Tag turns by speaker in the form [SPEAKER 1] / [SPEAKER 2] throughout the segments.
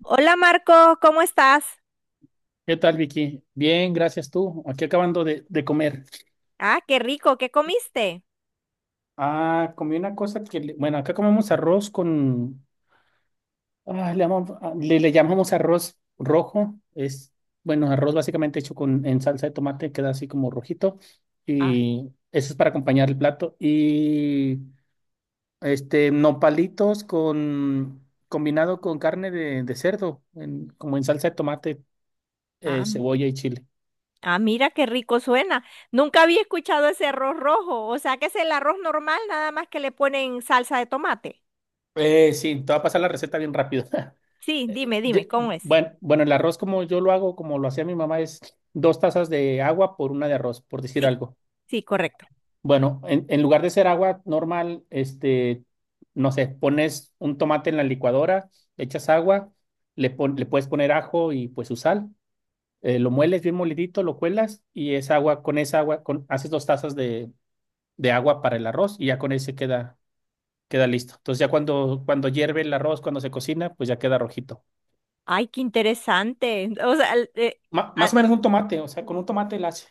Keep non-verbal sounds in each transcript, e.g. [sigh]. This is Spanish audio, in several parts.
[SPEAKER 1] Hola Marco, ¿cómo estás?
[SPEAKER 2] ¿Qué tal, Vicky? Bien, gracias tú. Aquí acabando de comer.
[SPEAKER 1] Ah, qué rico, ¿qué comiste?
[SPEAKER 2] Ah, comí una cosa que, bueno, acá comemos arroz con, le llamamos arroz rojo. Es, bueno, arroz básicamente hecho con, en salsa de tomate, queda así como rojito.
[SPEAKER 1] Ah,
[SPEAKER 2] Y eso es para acompañar el plato. Y, nopalitos con, combinado con carne de cerdo, como en salsa de tomate,
[SPEAKER 1] ah,
[SPEAKER 2] cebolla y chile.
[SPEAKER 1] mira qué rico suena. Nunca había escuchado ese arroz rojo, o sea que es el arroz normal, nada más que le ponen salsa de tomate.
[SPEAKER 2] Sí, te va a pasar la receta bien rápido. [laughs]
[SPEAKER 1] Sí,
[SPEAKER 2] Eh,
[SPEAKER 1] dime, dime,
[SPEAKER 2] ye-
[SPEAKER 1] ¿cómo es?
[SPEAKER 2] Bueno, bueno, el arroz como yo lo hago, como lo hacía mi mamá, es 2 tazas de agua por 1 de arroz, por decir
[SPEAKER 1] Sí,
[SPEAKER 2] algo.
[SPEAKER 1] sí, correcto.
[SPEAKER 2] Bueno, en lugar de ser agua normal, no sé, pones un tomate en la licuadora, le echas agua, le puedes poner ajo y pues su sal, lo mueles bien molidito, lo cuelas y esa agua, con esa agua, haces 2 tazas de agua para el arroz y ya con ese queda listo. Entonces ya cuando hierve el arroz, cuando se cocina, pues ya queda rojito.
[SPEAKER 1] Ay, qué interesante. [laughs] O sea,
[SPEAKER 2] Más o menos un tomate, o sea, con un tomate la hace.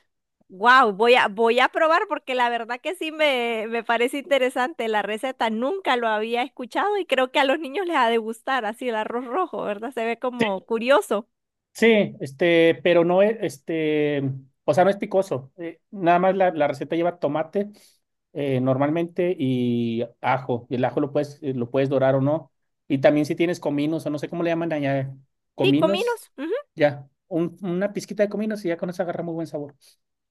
[SPEAKER 1] wow, voy a probar porque la verdad que sí me parece interesante la receta. Nunca lo había escuchado y creo que a los niños les ha de gustar así el arroz rojo, ¿verdad? Se ve
[SPEAKER 2] Sí,
[SPEAKER 1] como curioso.
[SPEAKER 2] sí, pero no es, o sea, no es picoso. Nada más la receta lleva tomate, normalmente y ajo. Y el ajo lo puedes dorar o no. Y también si tienes cominos, o no sé cómo le llaman allá,
[SPEAKER 1] Sí,
[SPEAKER 2] cominos,
[SPEAKER 1] cominos. Ujú.
[SPEAKER 2] ya. Una pizquita de cominos y ya con eso agarra muy buen sabor.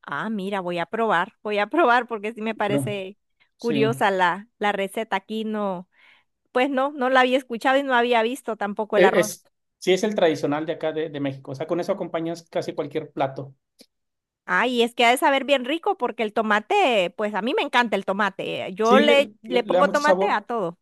[SPEAKER 1] Ah, mira, voy a probar porque sí me
[SPEAKER 2] Pero,
[SPEAKER 1] parece
[SPEAKER 2] sí.
[SPEAKER 1] curiosa la receta. Aquí no, pues no, no la había escuchado y no había visto tampoco el
[SPEAKER 2] E-
[SPEAKER 1] arroz.
[SPEAKER 2] Es, sí es el tradicional de acá de México. O sea, con eso acompañas casi cualquier plato.
[SPEAKER 1] Ah, y es que ha de saber bien rico porque el tomate, pues a mí me encanta el tomate. Eh, yo
[SPEAKER 2] Sí le, le-
[SPEAKER 1] le
[SPEAKER 2] le da
[SPEAKER 1] pongo
[SPEAKER 2] mucho
[SPEAKER 1] tomate
[SPEAKER 2] sabor.
[SPEAKER 1] a todo.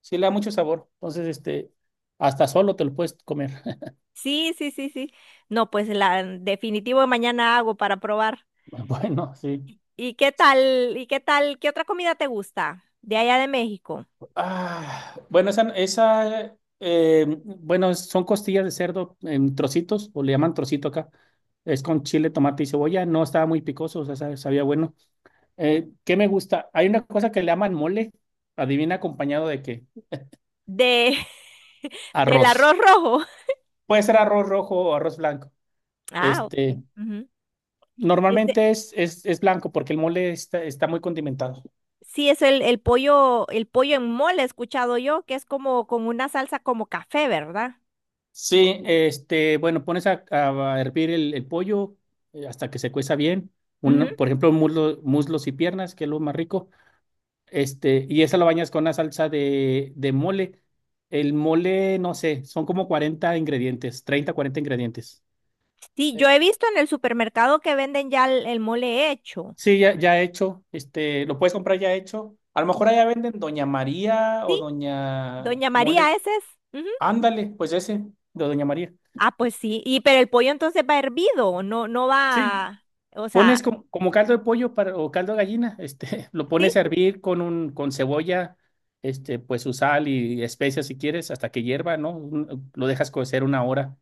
[SPEAKER 2] Sí le da mucho sabor. Entonces, hasta solo te lo puedes comer. [laughs]
[SPEAKER 1] Sí, sí, sí, sí. No, pues la definitivo mañana hago para probar.
[SPEAKER 2] Bueno, sí.
[SPEAKER 1] ¿Y qué tal? ¿Y qué tal? ¿Qué otra comida te gusta de allá de México?
[SPEAKER 2] Ah, bueno, esa, bueno, son costillas de cerdo en trocitos, o le llaman trocito acá. Es con chile, tomate y cebolla. No estaba muy picoso, o sea, sabía bueno. ¿Qué me gusta? Hay una cosa que le llaman mole. Adivina acompañado de qué.
[SPEAKER 1] De [laughs] del
[SPEAKER 2] Arroz.
[SPEAKER 1] arroz rojo.
[SPEAKER 2] Puede ser arroz rojo o arroz blanco.
[SPEAKER 1] Ah, ok.
[SPEAKER 2] Este,
[SPEAKER 1] Ujú. Este,
[SPEAKER 2] Normalmente es blanco porque el mole está muy condimentado.
[SPEAKER 1] sí, es el pollo en mole, he escuchado yo, que es como con una salsa como café, ¿verdad?
[SPEAKER 2] Sí, bueno, pones a hervir el pollo, hasta que se cueza bien.
[SPEAKER 1] Ujú.
[SPEAKER 2] Por ejemplo, muslos y piernas, que es lo más rico. Y esa lo bañas con una salsa de mole. El mole, no sé, son como 40 ingredientes, 30, 40 ingredientes.
[SPEAKER 1] Sí, yo
[SPEAKER 2] Eh,
[SPEAKER 1] he visto en el supermercado que venden ya el mole hecho.
[SPEAKER 2] Sí, ya, ya hecho. Lo puedes comprar ya hecho. A lo mejor allá venden Doña María o
[SPEAKER 1] Sí,
[SPEAKER 2] Doña
[SPEAKER 1] Doña
[SPEAKER 2] Mole.
[SPEAKER 1] María, ese es. Ujú.
[SPEAKER 2] Ándale, pues ese, de Doña María.
[SPEAKER 1] Ah, pues sí. Y pero el pollo entonces va hervido, no, no
[SPEAKER 2] Sí,
[SPEAKER 1] va, o sea,
[SPEAKER 2] pones como caldo de pollo para, o caldo de gallina, [laughs] lo pones
[SPEAKER 1] sí,
[SPEAKER 2] a hervir con cebolla, pues su sal y especias si quieres, hasta que hierva, ¿no? Lo dejas cocer 1 hora,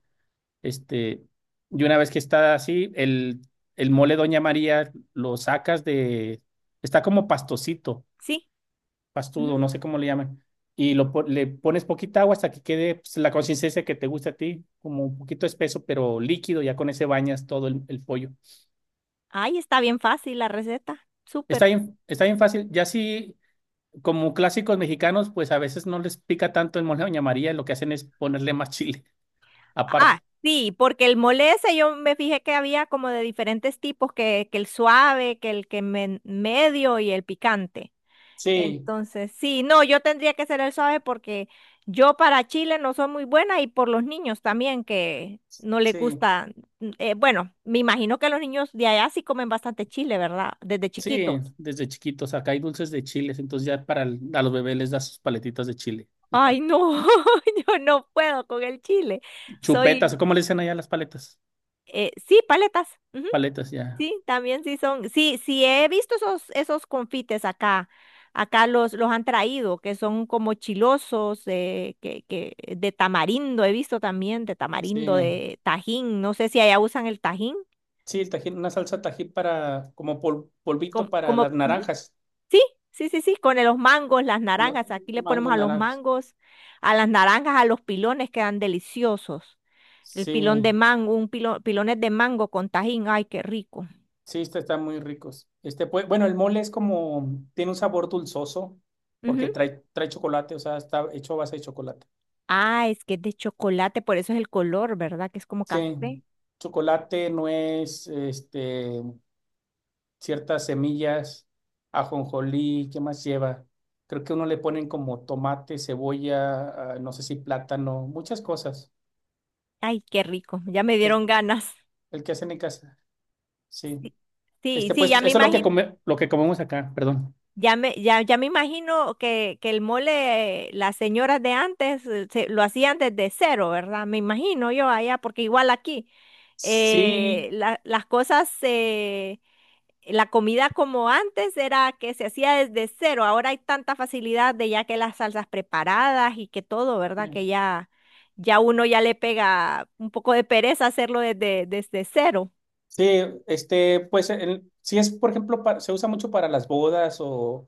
[SPEAKER 2] este, y una vez que está así, el mole Doña María lo sacas de, está como pastosito,
[SPEAKER 1] sí. Ujú.
[SPEAKER 2] pastudo, no sé cómo le llaman, y le pones poquita agua hasta que quede pues, la consistencia que te gusta a ti, como un poquito espeso, pero líquido, ya con ese bañas todo el pollo.
[SPEAKER 1] Ay, está bien fácil la receta. Súper.
[SPEAKER 2] Está bien fácil, ya si como clásicos mexicanos, pues a veces no les pica tanto el mole de Doña María, lo que hacen es ponerle más chile [laughs]
[SPEAKER 1] Ah,
[SPEAKER 2] aparte.
[SPEAKER 1] sí, porque el mole ese yo me fijé que había como de diferentes tipos, que el suave, que el medio y el picante.
[SPEAKER 2] Sí,
[SPEAKER 1] Entonces, sí, no, yo tendría que ser el suave porque yo para Chile no soy muy buena y por los niños también que no les
[SPEAKER 2] sí.
[SPEAKER 1] gusta. Bueno, me imagino que los niños de allá sí comen bastante chile, ¿verdad? Desde
[SPEAKER 2] Sí,
[SPEAKER 1] chiquitos.
[SPEAKER 2] desde chiquitos. Acá hay dulces de chiles, entonces ya para a los bebés les das sus paletitas de chile.
[SPEAKER 1] Ay, no, [laughs] yo no puedo con el chile.
[SPEAKER 2] Chupetas,
[SPEAKER 1] Soy,
[SPEAKER 2] ¿cómo le dicen allá las paletas?
[SPEAKER 1] sí, paletas.
[SPEAKER 2] Paletas, ya.
[SPEAKER 1] Sí, también sí son, sí, sí he visto esos, esos confites acá, acá los han traído, que son como chilosos, que de tamarindo, he visto también de tamarindo,
[SPEAKER 2] Sí.
[SPEAKER 1] de tajín, no sé si allá usan el tajín,
[SPEAKER 2] Sí, el tajín, una salsa tajín para, como polvito para las
[SPEAKER 1] ujú,
[SPEAKER 2] naranjas,
[SPEAKER 1] sí, sí, sí, con los mangos, las
[SPEAKER 2] los
[SPEAKER 1] naranjas, aquí le
[SPEAKER 2] mangos
[SPEAKER 1] ponemos a los
[SPEAKER 2] naranjas.
[SPEAKER 1] mangos, a las naranjas, a los pilones quedan deliciosos, el pilón
[SPEAKER 2] Sí,
[SPEAKER 1] de mango, un pilón, pilones de mango con tajín, ay, qué rico.
[SPEAKER 2] sí, están muy ricos. Pues, bueno, el mole es como, tiene un sabor dulzoso, porque trae chocolate, o sea, está hecho a base de chocolate.
[SPEAKER 1] Ah, es que es de chocolate, por eso es el color, ¿verdad? Que es como
[SPEAKER 2] Sí,
[SPEAKER 1] café.
[SPEAKER 2] chocolate, nuez, ciertas semillas, ajonjolí, ¿qué más lleva? Creo que uno le ponen como tomate, cebolla, no sé si plátano, muchas cosas.
[SPEAKER 1] Ay, qué rico. Ya me
[SPEAKER 2] El,
[SPEAKER 1] dieron ganas.
[SPEAKER 2] el que hacen en casa, sí.
[SPEAKER 1] Sí, sí,
[SPEAKER 2] Pues
[SPEAKER 1] ya
[SPEAKER 2] eso
[SPEAKER 1] me
[SPEAKER 2] es lo que
[SPEAKER 1] imagino,
[SPEAKER 2] come, lo que comemos acá, perdón.
[SPEAKER 1] ya me imagino que el mole, las señoras de antes lo hacían desde cero, ¿verdad? Me imagino yo allá, porque igual aquí
[SPEAKER 2] Sí,
[SPEAKER 1] las cosas. La comida como antes era que se hacía desde cero, ahora hay tanta facilidad de ya que las salsas preparadas y que todo, ¿verdad? Que ya, ya uno ya le pega un poco de pereza hacerlo desde cero.
[SPEAKER 2] sí, pues sí es, por ejemplo, se usa mucho para las bodas o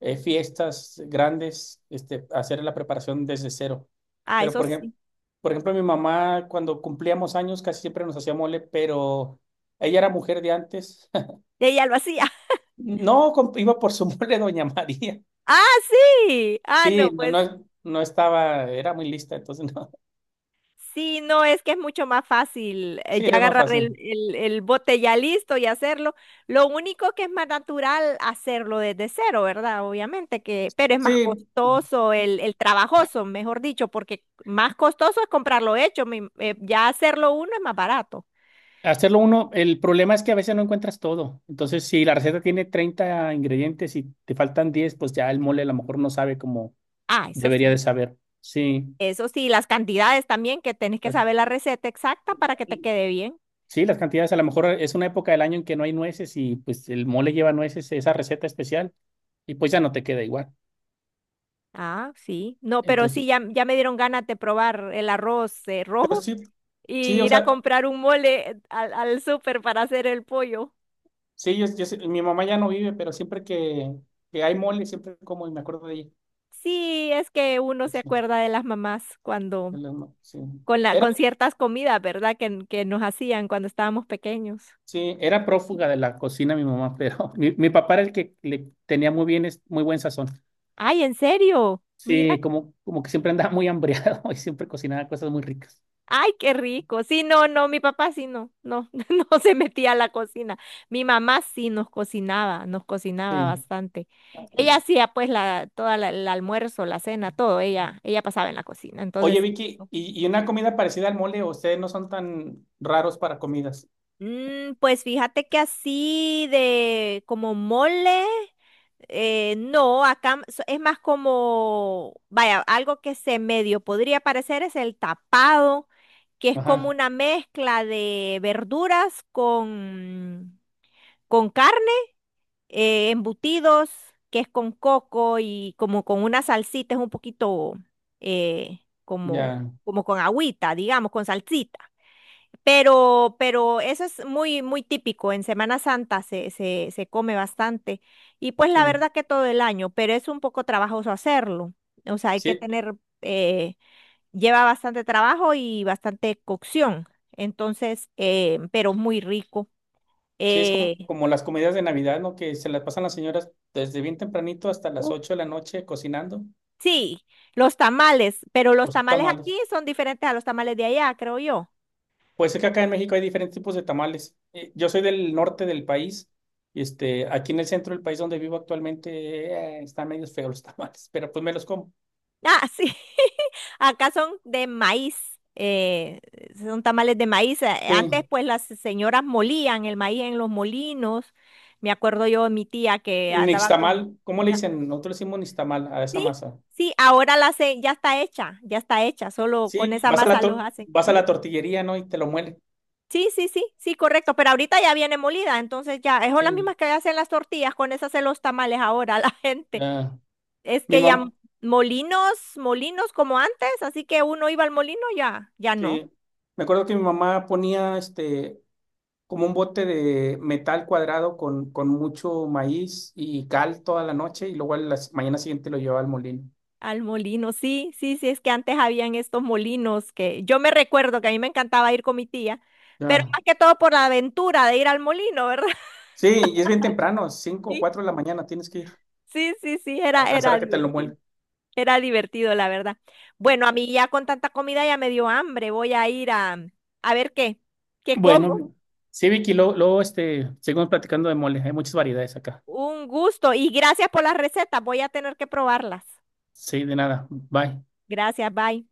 [SPEAKER 2] fiestas grandes, hacer la preparación desde cero.
[SPEAKER 1] Ah,
[SPEAKER 2] Pero
[SPEAKER 1] eso
[SPEAKER 2] por ejemplo,
[SPEAKER 1] sí.
[SPEAKER 2] por ejemplo, mi mamá cuando cumplíamos años casi siempre nos hacía mole, pero ella era mujer de antes. [laughs]
[SPEAKER 1] Ella lo hacía. [laughs]
[SPEAKER 2] No, iba por su [laughs] mole Doña María.
[SPEAKER 1] Ah, sí. Ah,
[SPEAKER 2] Sí,
[SPEAKER 1] no,
[SPEAKER 2] no,
[SPEAKER 1] pues
[SPEAKER 2] no, no estaba, era muy lista, entonces no.
[SPEAKER 1] sí, no, es que es mucho más fácil
[SPEAKER 2] [laughs] Sí,
[SPEAKER 1] ya
[SPEAKER 2] era más
[SPEAKER 1] agarrar
[SPEAKER 2] fácil.
[SPEAKER 1] el bote ya listo y hacerlo. Lo único que es más natural hacerlo desde cero, ¿verdad? Obviamente que, pero es más
[SPEAKER 2] Sí,
[SPEAKER 1] costoso, el trabajoso, mejor dicho, porque más costoso es comprarlo hecho, ya hacerlo uno es más barato.
[SPEAKER 2] hacerlo uno, el problema es que a veces no encuentras todo. Entonces, si la receta tiene 30 ingredientes y te faltan 10, pues ya el mole a lo mejor no sabe como
[SPEAKER 1] Ah,
[SPEAKER 2] debería de saber. Sí.
[SPEAKER 1] eso sí, las cantidades también, que tenés que
[SPEAKER 2] Las-
[SPEAKER 1] saber la receta exacta para que te quede bien.
[SPEAKER 2] Sí, las cantidades, a lo mejor es una época del año en que no hay nueces y pues el mole lleva nueces, esa receta especial, y pues ya no te queda igual.
[SPEAKER 1] Ah, sí, no, pero
[SPEAKER 2] Entonces,
[SPEAKER 1] sí, ya, ya me dieron ganas de probar el arroz
[SPEAKER 2] pero
[SPEAKER 1] rojo.
[SPEAKER 2] sí, sí,
[SPEAKER 1] Y
[SPEAKER 2] o
[SPEAKER 1] ir a
[SPEAKER 2] sea,
[SPEAKER 1] comprar un mole al súper para hacer el pollo.
[SPEAKER 2] sí, mi mamá ya no vive, pero siempre que hay mole, siempre como y me acuerdo de ella.
[SPEAKER 1] Sí, es que uno se
[SPEAKER 2] Pues, sí,
[SPEAKER 1] acuerda de las mamás cuando,
[SPEAKER 2] sí.
[SPEAKER 1] con
[SPEAKER 2] Era
[SPEAKER 1] con ciertas comidas, ¿verdad? Que nos hacían cuando estábamos pequeños.
[SPEAKER 2] Sí, era prófuga de la cocina mi mamá, pero [laughs] mi papá era el que le tenía muy bien, muy buen sazón.
[SPEAKER 1] Ay, ¿en serio? Mira,
[SPEAKER 2] Sí, como que siempre andaba muy hambriado [laughs] y siempre cocinaba cosas muy ricas.
[SPEAKER 1] ay, qué rico. Sí, no, no, mi papá sí no, no, [laughs] no se metía a la cocina. Mi mamá sí nos cocinaba
[SPEAKER 2] Sí.
[SPEAKER 1] bastante. Ella hacía pues la, el almuerzo, la cena, todo, ella pasaba en la cocina, entonces
[SPEAKER 2] Oye,
[SPEAKER 1] sí.
[SPEAKER 2] Vicky, ¿y una comida parecida al mole? ¿O ustedes no son tan raros para comidas?
[SPEAKER 1] Mm, pues fíjate que así de como mole, no, acá es más como, vaya, algo que se medio podría parecer es el tapado, que es como
[SPEAKER 2] Ajá,
[SPEAKER 1] una mezcla de verduras con carne, embutidos, que es con coco y como con una salsita, es un poquito eh, como,
[SPEAKER 2] ya,
[SPEAKER 1] como con agüita, digamos, con salsita. Pero eso es muy, muy típico. En Semana Santa se come bastante. Y pues
[SPEAKER 2] sí.
[SPEAKER 1] la verdad que todo el año, pero es un poco trabajoso hacerlo. O sea, hay que
[SPEAKER 2] Sí,
[SPEAKER 1] tener, eh, lleva bastante trabajo y bastante cocción. Entonces, pero muy rico.
[SPEAKER 2] sí, es como,
[SPEAKER 1] Eh,
[SPEAKER 2] como las comidas de Navidad, ¿no? Que se las pasan las señoras desde bien tempranito hasta las
[SPEAKER 1] uh,
[SPEAKER 2] 8 de la noche cocinando
[SPEAKER 1] sí, los tamales, pero los
[SPEAKER 2] los
[SPEAKER 1] tamales
[SPEAKER 2] tamales.
[SPEAKER 1] aquí son diferentes a los tamales de allá, creo yo.
[SPEAKER 2] Pues es que acá en México hay diferentes tipos de tamales. Yo soy del norte del país. Aquí en el centro del país donde vivo actualmente, están medio feos los [laughs] tamales, pero pues me los como.
[SPEAKER 1] Ah, sí. [laughs] Acá son de maíz. Son tamales de maíz. Antes,
[SPEAKER 2] Sí.
[SPEAKER 1] pues, las señoras molían el maíz en los molinos. Me acuerdo yo de mi tía que
[SPEAKER 2] El
[SPEAKER 1] andaba con...
[SPEAKER 2] nixtamal, ¿cómo le
[SPEAKER 1] Ah,
[SPEAKER 2] dicen? Nosotros le decimos nixtamal a esa
[SPEAKER 1] sí,
[SPEAKER 2] masa.
[SPEAKER 1] sí, ahora la se... ya está hecha, ya está hecha. Solo con
[SPEAKER 2] Sí,
[SPEAKER 1] esa
[SPEAKER 2] vas a la
[SPEAKER 1] masa los hacen. Ujú.
[SPEAKER 2] tortillería, ¿no? Y te lo muelen.
[SPEAKER 1] Sí, sí, sí, sí, correcto. Pero ahorita ya viene molida, entonces ya, es son las
[SPEAKER 2] Sí,
[SPEAKER 1] mismas que hacen las tortillas, con esas hacen los tamales ahora [laughs] la gente.
[SPEAKER 2] ya.
[SPEAKER 1] Es
[SPEAKER 2] Mi
[SPEAKER 1] que ya
[SPEAKER 2] mamá,
[SPEAKER 1] m- molinos, molinos como antes, así que uno iba al molino, ya, ya no.
[SPEAKER 2] sí. Me acuerdo que mi mamá ponía como un bote de metal cuadrado con mucho maíz y cal toda la noche y luego a la mañana siguiente lo llevaba al molino.
[SPEAKER 1] Al molino, sí, sí, sí, es que antes habían estos molinos que yo me recuerdo que a mí me encantaba ir con mi tía, pero
[SPEAKER 2] Ya.
[SPEAKER 1] más que todo por la aventura de ir al molino, ¿verdad? [laughs]
[SPEAKER 2] Sí, y es bien temprano, cinco o
[SPEAKER 1] Sí,
[SPEAKER 2] cuatro de la mañana tienes que ir
[SPEAKER 1] sí, sí, sí,
[SPEAKER 2] para alcanzar a que te lo muelen.
[SPEAKER 1] era divertido, la verdad. Bueno, a mí ya con tanta comida ya me dio hambre, voy a ir a ver qué, qué como.
[SPEAKER 2] Bueno, sí, Vicky, luego, luego, seguimos platicando de mole. Hay muchas variedades acá.
[SPEAKER 1] Un gusto y gracias por las recetas, voy a tener que probarlas.
[SPEAKER 2] Sí, de nada. Bye.
[SPEAKER 1] Gracias, bye.